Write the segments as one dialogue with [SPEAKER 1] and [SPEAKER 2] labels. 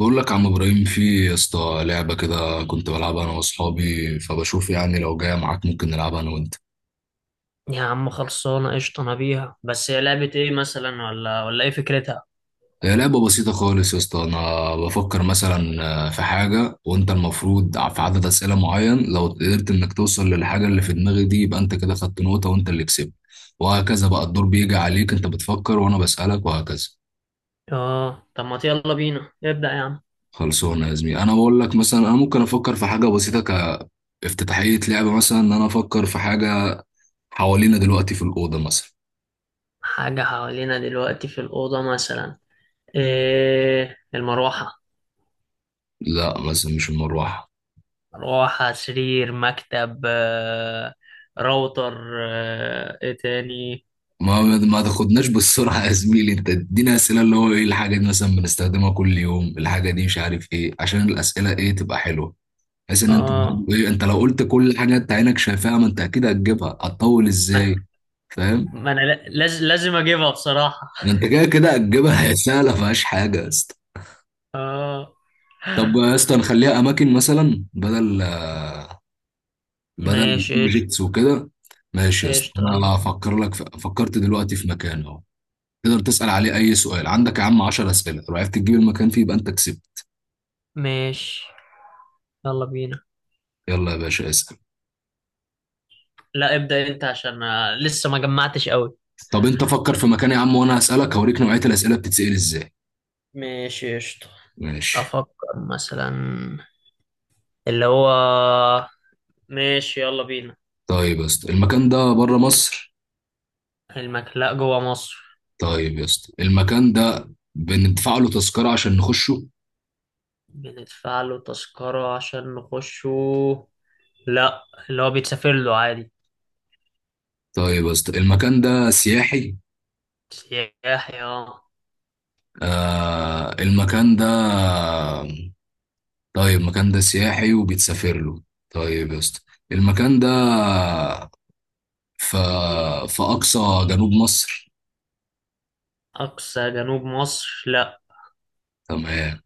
[SPEAKER 1] بقول لك يا عم ابراهيم، في يا اسطى لعبه كده كنت بلعبها انا واصحابي، فبشوف يعني لو جايه معاك ممكن نلعبها انا وانت.
[SPEAKER 2] يا عم خلصانة قشطة، أنا بيها. بس هي لعبة إيه مثلا ولا إيه فكرتها؟
[SPEAKER 1] هي لعبه بسيطه خالص يا اسطى، انا بفكر مثلا في حاجه وانت المفروض في عدد اسئله معين، لو قدرت انك توصل للحاجه اللي في دماغي دي يبقى انت كده خدت نقطه وانت اللي كسبت. وهكذا بقى، الدور بيجي عليك انت بتفكر وانا بسالك وهكذا.
[SPEAKER 2] آه، طب ما يلا بينا ابدأ يا عم.
[SPEAKER 1] خلصونا يا زميلي، انا بقول لك مثلا، انا ممكن افكر في حاجه بسيطه كافتتاحيه لعبه، مثلا ان انا افكر في حاجه حوالينا دلوقتي في الاوضه مثلا.
[SPEAKER 2] حاجة حوالينا دلوقتي في الأوضة مثلا. إيه المروحة.
[SPEAKER 1] لا مثلا مش المروحة.
[SPEAKER 2] مروحة، سرير، مكتب، راوتر. إيه تاني؟
[SPEAKER 1] ما تاخدناش بالسرعة يا زميلي، انت ادينا اسئلة اللي هو ايه الحاجة دي، مثلا بنستخدمها كل يوم، الحاجة دي مش عارف ايه، عشان الاسئلة ايه تبقى حلوة، بحيث ان انت
[SPEAKER 2] آه،
[SPEAKER 1] تجيب ايه. انت لو قلت كل حاجة انت عينك شايفاها ما انت اكيد هتجيبها، هتطول
[SPEAKER 2] ما
[SPEAKER 1] ازاي. فاهم.
[SPEAKER 2] ما أنا لازم أجيبها بصراحة.
[SPEAKER 1] ده انت كده كده هتجيبها هي سهلة فيهاش حاجة يا اسطى.
[SPEAKER 2] آه،
[SPEAKER 1] طب يا اسطى نخليها اماكن مثلا، بدل
[SPEAKER 2] ماشي قشطة.
[SPEAKER 1] اوبجكتس وكده. ماشي يا اسطى،
[SPEAKER 2] قشطة،
[SPEAKER 1] انا
[SPEAKER 2] يلا.
[SPEAKER 1] هفكر لك في فكرت دلوقتي في مكان اهو. تقدر تسأل عليه أي سؤال عندك يا عم، 10 أسئلة، لو عرفت تجيب المكان فيه يبقى أنت كسبت.
[SPEAKER 2] ماشي يلا بينا.
[SPEAKER 1] يلا يا باشا اسأل.
[SPEAKER 2] لا ابدأ انت عشان لسه ما جمعتش قوي.
[SPEAKER 1] طب أنت فكر في مكان يا عم وأنا هسألك، هوريك نوعية الأسئلة بتتسأل إزاي.
[SPEAKER 2] ماشي قشطة.
[SPEAKER 1] ماشي.
[SPEAKER 2] افكر مثلا اللي هو ماشي يلا بينا.
[SPEAKER 1] طيب يا اسطى، المكان ده بره مصر؟
[SPEAKER 2] المكلاء جوه مصر.
[SPEAKER 1] طيب يا اسطى، المكان ده بندفع له تذكرة عشان نخشه؟
[SPEAKER 2] بندفع له تذكرة عشان نخشه؟ لا، اللي هو بيتسافر له عادي.
[SPEAKER 1] طيب يا اسطى، المكان ده سياحي؟
[SPEAKER 2] سياحي اه.
[SPEAKER 1] آه المكان ده. طيب المكان ده سياحي وبيتسافر له. طيب يا اسطى، المكان ده في في أقصى جنوب مصر.
[SPEAKER 2] أقصى جنوب مصر، لا.
[SPEAKER 1] تمام.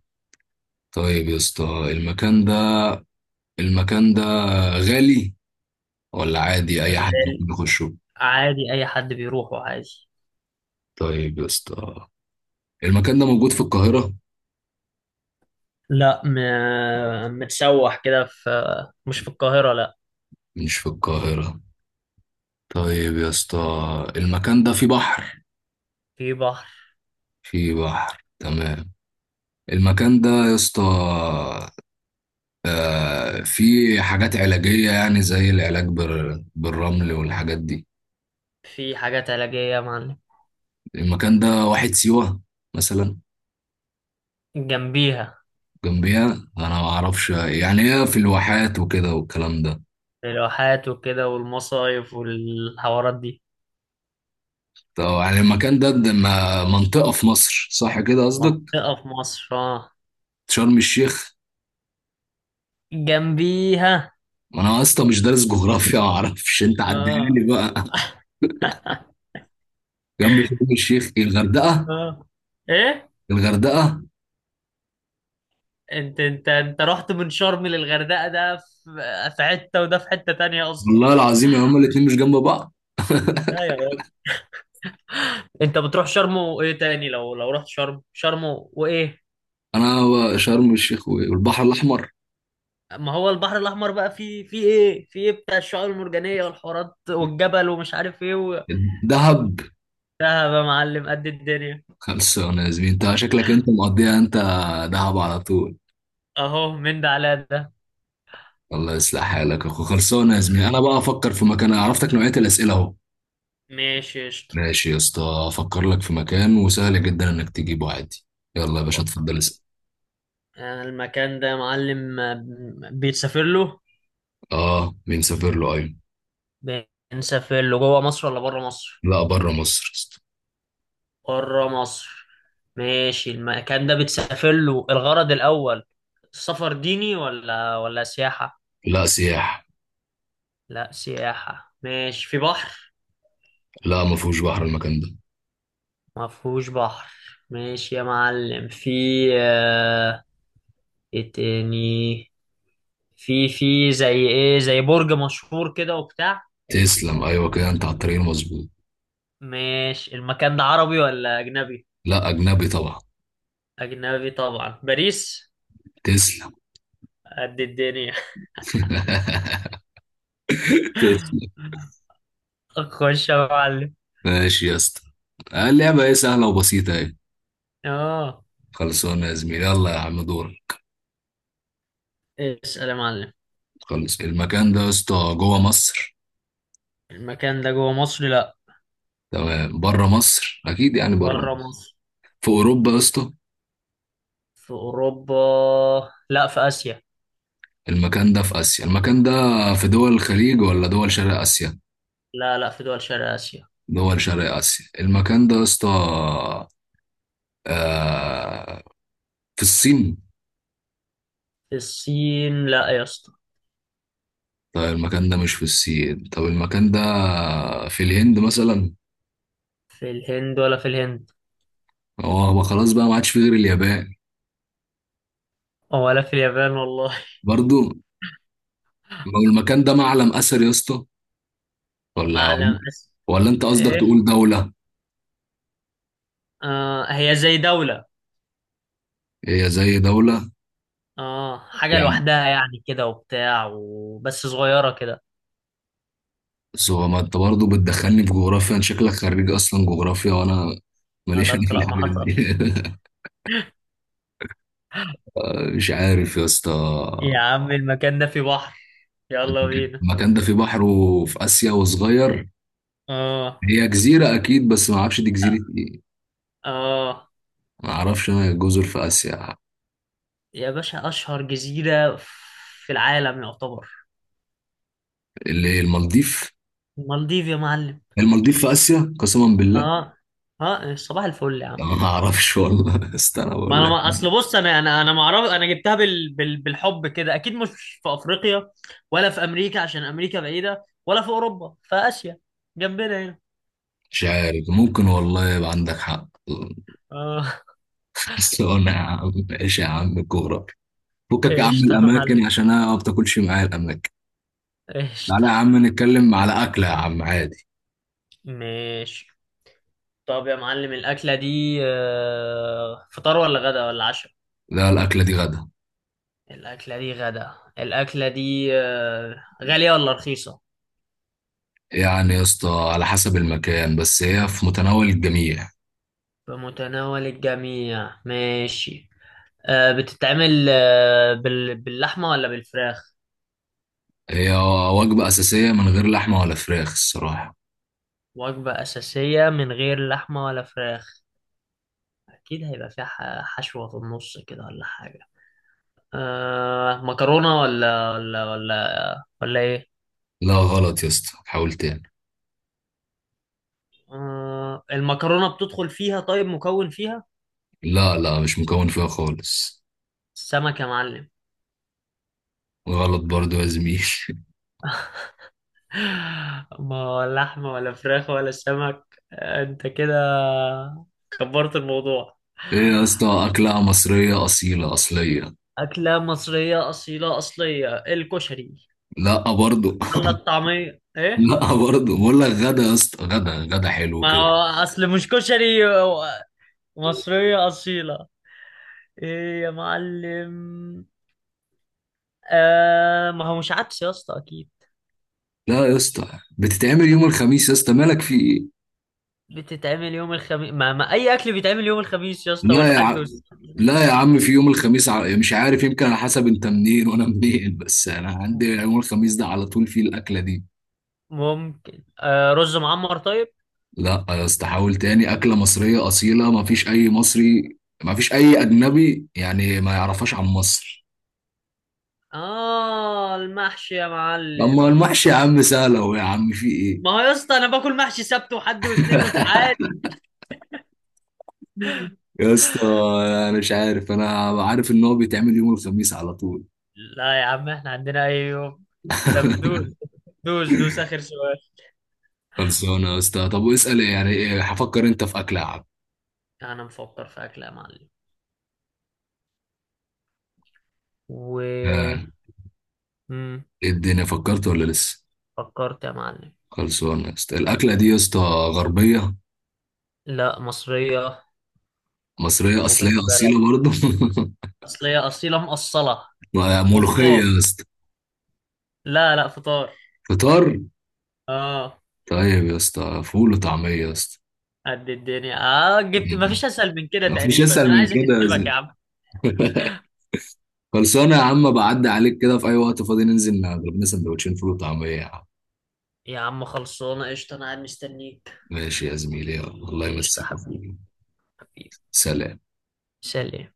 [SPEAKER 1] طيب يا اسطى، المكان ده، المكان ده غالي ولا عادي اي حد
[SPEAKER 2] غالي؟
[SPEAKER 1] ممكن يخشه؟
[SPEAKER 2] عادي أي حد بيروحه عادي.
[SPEAKER 1] طيب يا اسطى، المكان ده موجود في القاهرة؟
[SPEAKER 2] لا متسوح كده في. مش في القاهرة لا.
[SPEAKER 1] مش في القاهرة. طيب يا اسطى، المكان ده فيه بحر؟
[SPEAKER 2] في بحر.
[SPEAKER 1] فيه بحر، تمام. المكان ده يا اسطى، فيه حاجات علاجية، يعني زي العلاج بالرمل والحاجات دي.
[SPEAKER 2] في حاجات علاجية يا معلم.
[SPEAKER 1] المكان ده واحد سيوة مثلا.
[SPEAKER 2] جنبيها.
[SPEAKER 1] جنبيها. انا ما اعرفش يعني، هي في الواحات وكده والكلام ده.
[SPEAKER 2] الواحات وكده والمصايف والحوارات دي.
[SPEAKER 1] طب يعني المكان ده منطقة في مصر صح كده قصدك.
[SPEAKER 2] منطقة في مصر اه.
[SPEAKER 1] شرم الشيخ.
[SPEAKER 2] جنبيها.
[SPEAKER 1] ما انا اصلا مش دارس جغرافيا، ما اعرفش، انت عدلني
[SPEAKER 2] اه.
[SPEAKER 1] بقى. جنب شرم الشيخ إيه، الغردقة؟
[SPEAKER 2] اه، ايه.
[SPEAKER 1] الغردقة.
[SPEAKER 2] انت رحت من شرم للغردقة، ده في حتة وده في حتة تانية اصلا.
[SPEAKER 1] والله العظيم يا هما الاتنين مش جنب بعض.
[SPEAKER 2] لا يا راجل. انت بتروح شرم وايه تاني؟ لو رحت شرم شرم وايه؟
[SPEAKER 1] انا شرم الشيخ والبحر الاحمر.
[SPEAKER 2] ما هو البحر الاحمر بقى فيه ايه، فيه ايه بتاع الشعاب المرجانية والحوارات والجبل ومش عارف ايه
[SPEAKER 1] دهب.
[SPEAKER 2] ده. يا معلم قد الدنيا.
[SPEAKER 1] خلصانة يا زميلي، انت شكلك انت مقضيها انت. دهب على طول.
[SPEAKER 2] اهو من ده على ده.
[SPEAKER 1] الله يصلح حالك يا اخو. خلصانة يا زميلي، انا بقى افكر في مكان، أنا عرفتك نوعية الاسئلة اهو.
[SPEAKER 2] ماشي قشطة.
[SPEAKER 1] ماشي يا اسطى. افكر لك في مكان وسهل جدا انك تجيبه عادي. يلا يا باشا
[SPEAKER 2] فكر
[SPEAKER 1] اتفضل
[SPEAKER 2] لي.
[SPEAKER 1] اسأل.
[SPEAKER 2] المكان ده يا معلم، بيتسافر له.
[SPEAKER 1] اه مين سافر له، ايوه.
[SPEAKER 2] بنسافر له جوه مصر ولا بره مصر؟
[SPEAKER 1] لا بره مصر يا اسطى.
[SPEAKER 2] بره مصر. ماشي، المكان ده بتسافر له الغرض الأول، السفر ديني ولا سياحة.
[SPEAKER 1] لا سياح.
[SPEAKER 2] لا سياحة. ماشي، في بحر.
[SPEAKER 1] لا ما فيهوش بحر المكان ده.
[SPEAKER 2] ما فيهوش بحر. ماشي يا معلم، في آه، ايه تاني، في زي ايه، زي برج مشهور كده وبتاع.
[SPEAKER 1] تسلم، ايوه كده، انت على الطريق المظبوط.
[SPEAKER 2] ماشي، المكان ده عربي ولا أجنبي؟
[SPEAKER 1] لا اجنبي طبعا.
[SPEAKER 2] أجنبي طبعا، باريس.
[SPEAKER 1] تسلم
[SPEAKER 2] قد الدنيا.
[SPEAKER 1] تسلم.
[SPEAKER 2] خش يا معلم.
[SPEAKER 1] ماشي يا اسطى. اللعبه ايه سهله وبسيطه ايه.
[SPEAKER 2] اه،
[SPEAKER 1] خلصانه يا زميلي، يلا يا عم دور.
[SPEAKER 2] اسأل يا معلم.
[SPEAKER 1] خلص، المكان ده يا اسطى جوه مصر؟
[SPEAKER 2] المكان ده جوه مصر، لا.
[SPEAKER 1] تمام، بره مصر، اكيد يعني بره
[SPEAKER 2] بره
[SPEAKER 1] مصر.
[SPEAKER 2] مصر.
[SPEAKER 1] في اوروبا يا اسطى؟
[SPEAKER 2] في أوروبا؟ لا في آسيا.
[SPEAKER 1] المكان ده في آسيا. المكان ده في دول الخليج ولا دول شرق آسيا؟
[SPEAKER 2] لا لا، في دول شرق آسيا.
[SPEAKER 1] دول شرق آسيا. المكان ده يا اسطى آه، في الصين؟
[SPEAKER 2] في الصين، لا يا اسطى.
[SPEAKER 1] طيب المكان ده مش في الصين، طب المكان ده في الهند مثلا؟
[SPEAKER 2] في الهند.
[SPEAKER 1] هو هو خلاص بقى، ما عادش في غير اليابان.
[SPEAKER 2] ولا في اليابان والله.
[SPEAKER 1] برضو. لو المكان ده معلم أثر يا اسطى؟ ولا.
[SPEAKER 2] معلم آسيا.
[SPEAKER 1] انت قصدك
[SPEAKER 2] ايه.
[SPEAKER 1] تقول دولة.
[SPEAKER 2] آه، هي زي دولة.
[SPEAKER 1] هي زي دولة.
[SPEAKER 2] اه، حاجة
[SPEAKER 1] يعني،
[SPEAKER 2] لوحدها يعني كده وبتاع وبس، صغيرة كده.
[SPEAKER 1] بس هو ما انت برضه بتدخلني في جغرافيا، انت شكلك خريج اصلا جغرافيا، وانا
[SPEAKER 2] على
[SPEAKER 1] ماليش انا في
[SPEAKER 2] الطلاق ما
[SPEAKER 1] الحاجات
[SPEAKER 2] حصل.
[SPEAKER 1] دي مش عارف يا اسطى.
[SPEAKER 2] يا عم المكان ده فيه بحر. يلا بينا.
[SPEAKER 1] المكان ده فيه بحر وفي آسيا وصغير.
[SPEAKER 2] اه.
[SPEAKER 1] هي جزيرة أكيد، بس ما أعرفش دي جزيرة إيه.
[SPEAKER 2] اه،
[SPEAKER 1] ما أعرفش أنا جزر في آسيا.
[SPEAKER 2] يا باشا اشهر جزيرة في العالم يعتبر.
[SPEAKER 1] اللي هي المالديف.
[SPEAKER 2] المالديف يا معلم.
[SPEAKER 1] المالديف في آسيا قسما بالله.
[SPEAKER 2] اه. اه، صباح الفل يا
[SPEAKER 1] لا،
[SPEAKER 2] عم.
[SPEAKER 1] ما أعرفش والله استنى
[SPEAKER 2] ما
[SPEAKER 1] بقول
[SPEAKER 2] انا
[SPEAKER 1] لك.
[SPEAKER 2] ما اصل بص، انا ما اعرف. انا جبتها بالحب كده. اكيد مش في افريقيا، ولا في امريكا عشان امريكا بعيدة، ولا في اوروبا، في اسيا جنبنا هنا.
[SPEAKER 1] مش عارف، ممكن والله يبقى عندك حق
[SPEAKER 2] اه.
[SPEAKER 1] بس أنا يا عم إيش يا عم الجغرافيا، فكك يا عم
[SPEAKER 2] قشطة يا
[SPEAKER 1] الأماكن
[SPEAKER 2] معلم.
[SPEAKER 1] عشان أنا ما بتاكلش معايا الأماكن. تعالى يا
[SPEAKER 2] قشطة.
[SPEAKER 1] عم نتكلم على أكلة يا عم عادي.
[SPEAKER 2] ماشي. طب يا معلم، الأكلة دي فطار ولا غدا ولا عشاء؟
[SPEAKER 1] لا الأكلة دي غدا.
[SPEAKER 2] الأكلة دي غدا. الأكلة دي غالية ولا رخيصة؟
[SPEAKER 1] يعني يا اسطى، على حسب المكان، بس هي في متناول الجميع.
[SPEAKER 2] بمتناول الجميع، ماشي. بتتعمل باللحمة ولا بالفراخ؟
[SPEAKER 1] هي وجبة أساسية من غير لحمة ولا فراخ الصراحة.
[SPEAKER 2] وجبة أساسية من غير لحمة ولا فراخ. أكيد هيبقى فيها حشوة في النص كده ولا حاجة. أه مكرونة ولا إيه؟
[SPEAKER 1] لا غلط يا اسطى، حاول تاني.
[SPEAKER 2] أه، المكرونة بتدخل فيها، طيب مكون فيها؟
[SPEAKER 1] لا لا مش مكون فيها خالص.
[SPEAKER 2] السمك يا معلم.
[SPEAKER 1] غلط برضو يا زميل
[SPEAKER 2] ما لحمة ولا فراخ ولا سمك. انت كده كبرت الموضوع.
[SPEAKER 1] ايه يا اسطى، أكلة مصرية أصيلة أصلية.
[SPEAKER 2] أكلة مصرية أصيلة أصلية، الكشري.
[SPEAKER 1] لا برضو.
[SPEAKER 2] ولا الطعمية إيه؟
[SPEAKER 1] لا برضو بقول لك، غدا يا اسطى، غدا. حلو
[SPEAKER 2] ما
[SPEAKER 1] كده.
[SPEAKER 2] هو أصل مش كشري هو. مصرية أصيلة. إيه يا معلم. آه، ما هو مش عدس يا اسطى أكيد.
[SPEAKER 1] لا يا اسطى، بتتعمل يوم الخميس يا اسطى، مالك في ايه.
[SPEAKER 2] بتتعمل يوم الخميس؟ ما أي أكل بيتعمل يوم الخميس يا اسطى،
[SPEAKER 1] لا يا
[SPEAKER 2] والحد
[SPEAKER 1] عم، لا يا عم في يوم الخميس. مش عارف، يمكن على حسب انت منين وانا منين، بس انا عندي يوم الخميس ده على طول فيه الاكله دي.
[SPEAKER 2] ممكن رز معمر طيب.
[SPEAKER 1] لا يا اسطى، حاول تاني. اكله مصريه اصيله، ما فيش اي مصري، ما فيش اي اجنبي يعني ما يعرفهاش عن مصر.
[SPEAKER 2] اه المحشي يا
[SPEAKER 1] اما
[SPEAKER 2] معلم.
[SPEAKER 1] المحشي يا عم سهل اهو يا عم، في ايه.
[SPEAKER 2] ما هو يا اسطى انا باكل محشي سبت وحد واثنين عادي.
[SPEAKER 1] يا اسطى، انا مش عارف، انا عارف ان هو بيتعمل يوم الخميس على طول.
[SPEAKER 2] لا يا عم احنا عندنا اي يوم. طب دوس دوس دوس اخر سؤال.
[SPEAKER 1] خلصانه يا اسطى. طب واسال يعني، ايه هفكر انت في اكله يا عم.
[SPEAKER 2] انا مفكر في اكل يا معلم. و،
[SPEAKER 1] آه،
[SPEAKER 2] مم.
[SPEAKER 1] ايه الدنيا، فكرت ولا لسه؟
[SPEAKER 2] فكرت يا معلم.
[SPEAKER 1] خلصانة يا اسطى. الأكلة دي يا اسطى غربية؟
[SPEAKER 2] لا مصرية.
[SPEAKER 1] مصرية
[SPEAKER 2] وبنت
[SPEAKER 1] أصلية
[SPEAKER 2] بلد.
[SPEAKER 1] أصيلة برضه.
[SPEAKER 2] اصلية اصيلة مقصلة.
[SPEAKER 1] ملوخية
[SPEAKER 2] وفطار.
[SPEAKER 1] يا اسطى.
[SPEAKER 2] لا لا فطار.
[SPEAKER 1] فطار.
[SPEAKER 2] اه.
[SPEAKER 1] طيب يا اسطى، فول وطعمية يا اسطى.
[SPEAKER 2] قد الدنيا، اه جبت، مفيش اسهل من كده
[SPEAKER 1] مفيش
[SPEAKER 2] تقريبا،
[SPEAKER 1] أسهل
[SPEAKER 2] انا
[SPEAKER 1] من
[SPEAKER 2] عايز
[SPEAKER 1] كده يا
[SPEAKER 2] اكسبك يا
[SPEAKER 1] زين
[SPEAKER 2] عم.
[SPEAKER 1] خلصانة يا عم، بعدي عليك كده في أي وقت فاضي، ننزل نضرب لنا سندوتشين فول وطعمية يا عم.
[SPEAKER 2] يا عم خلصانة قشطة، انا قاعد مستنيك.
[SPEAKER 1] ماشي يا زميلي، يلا. الله
[SPEAKER 2] قشطة
[SPEAKER 1] يمسيك يا
[SPEAKER 2] حبيب.
[SPEAKER 1] فول.
[SPEAKER 2] حبيب.
[SPEAKER 1] سلام.
[SPEAKER 2] سلام.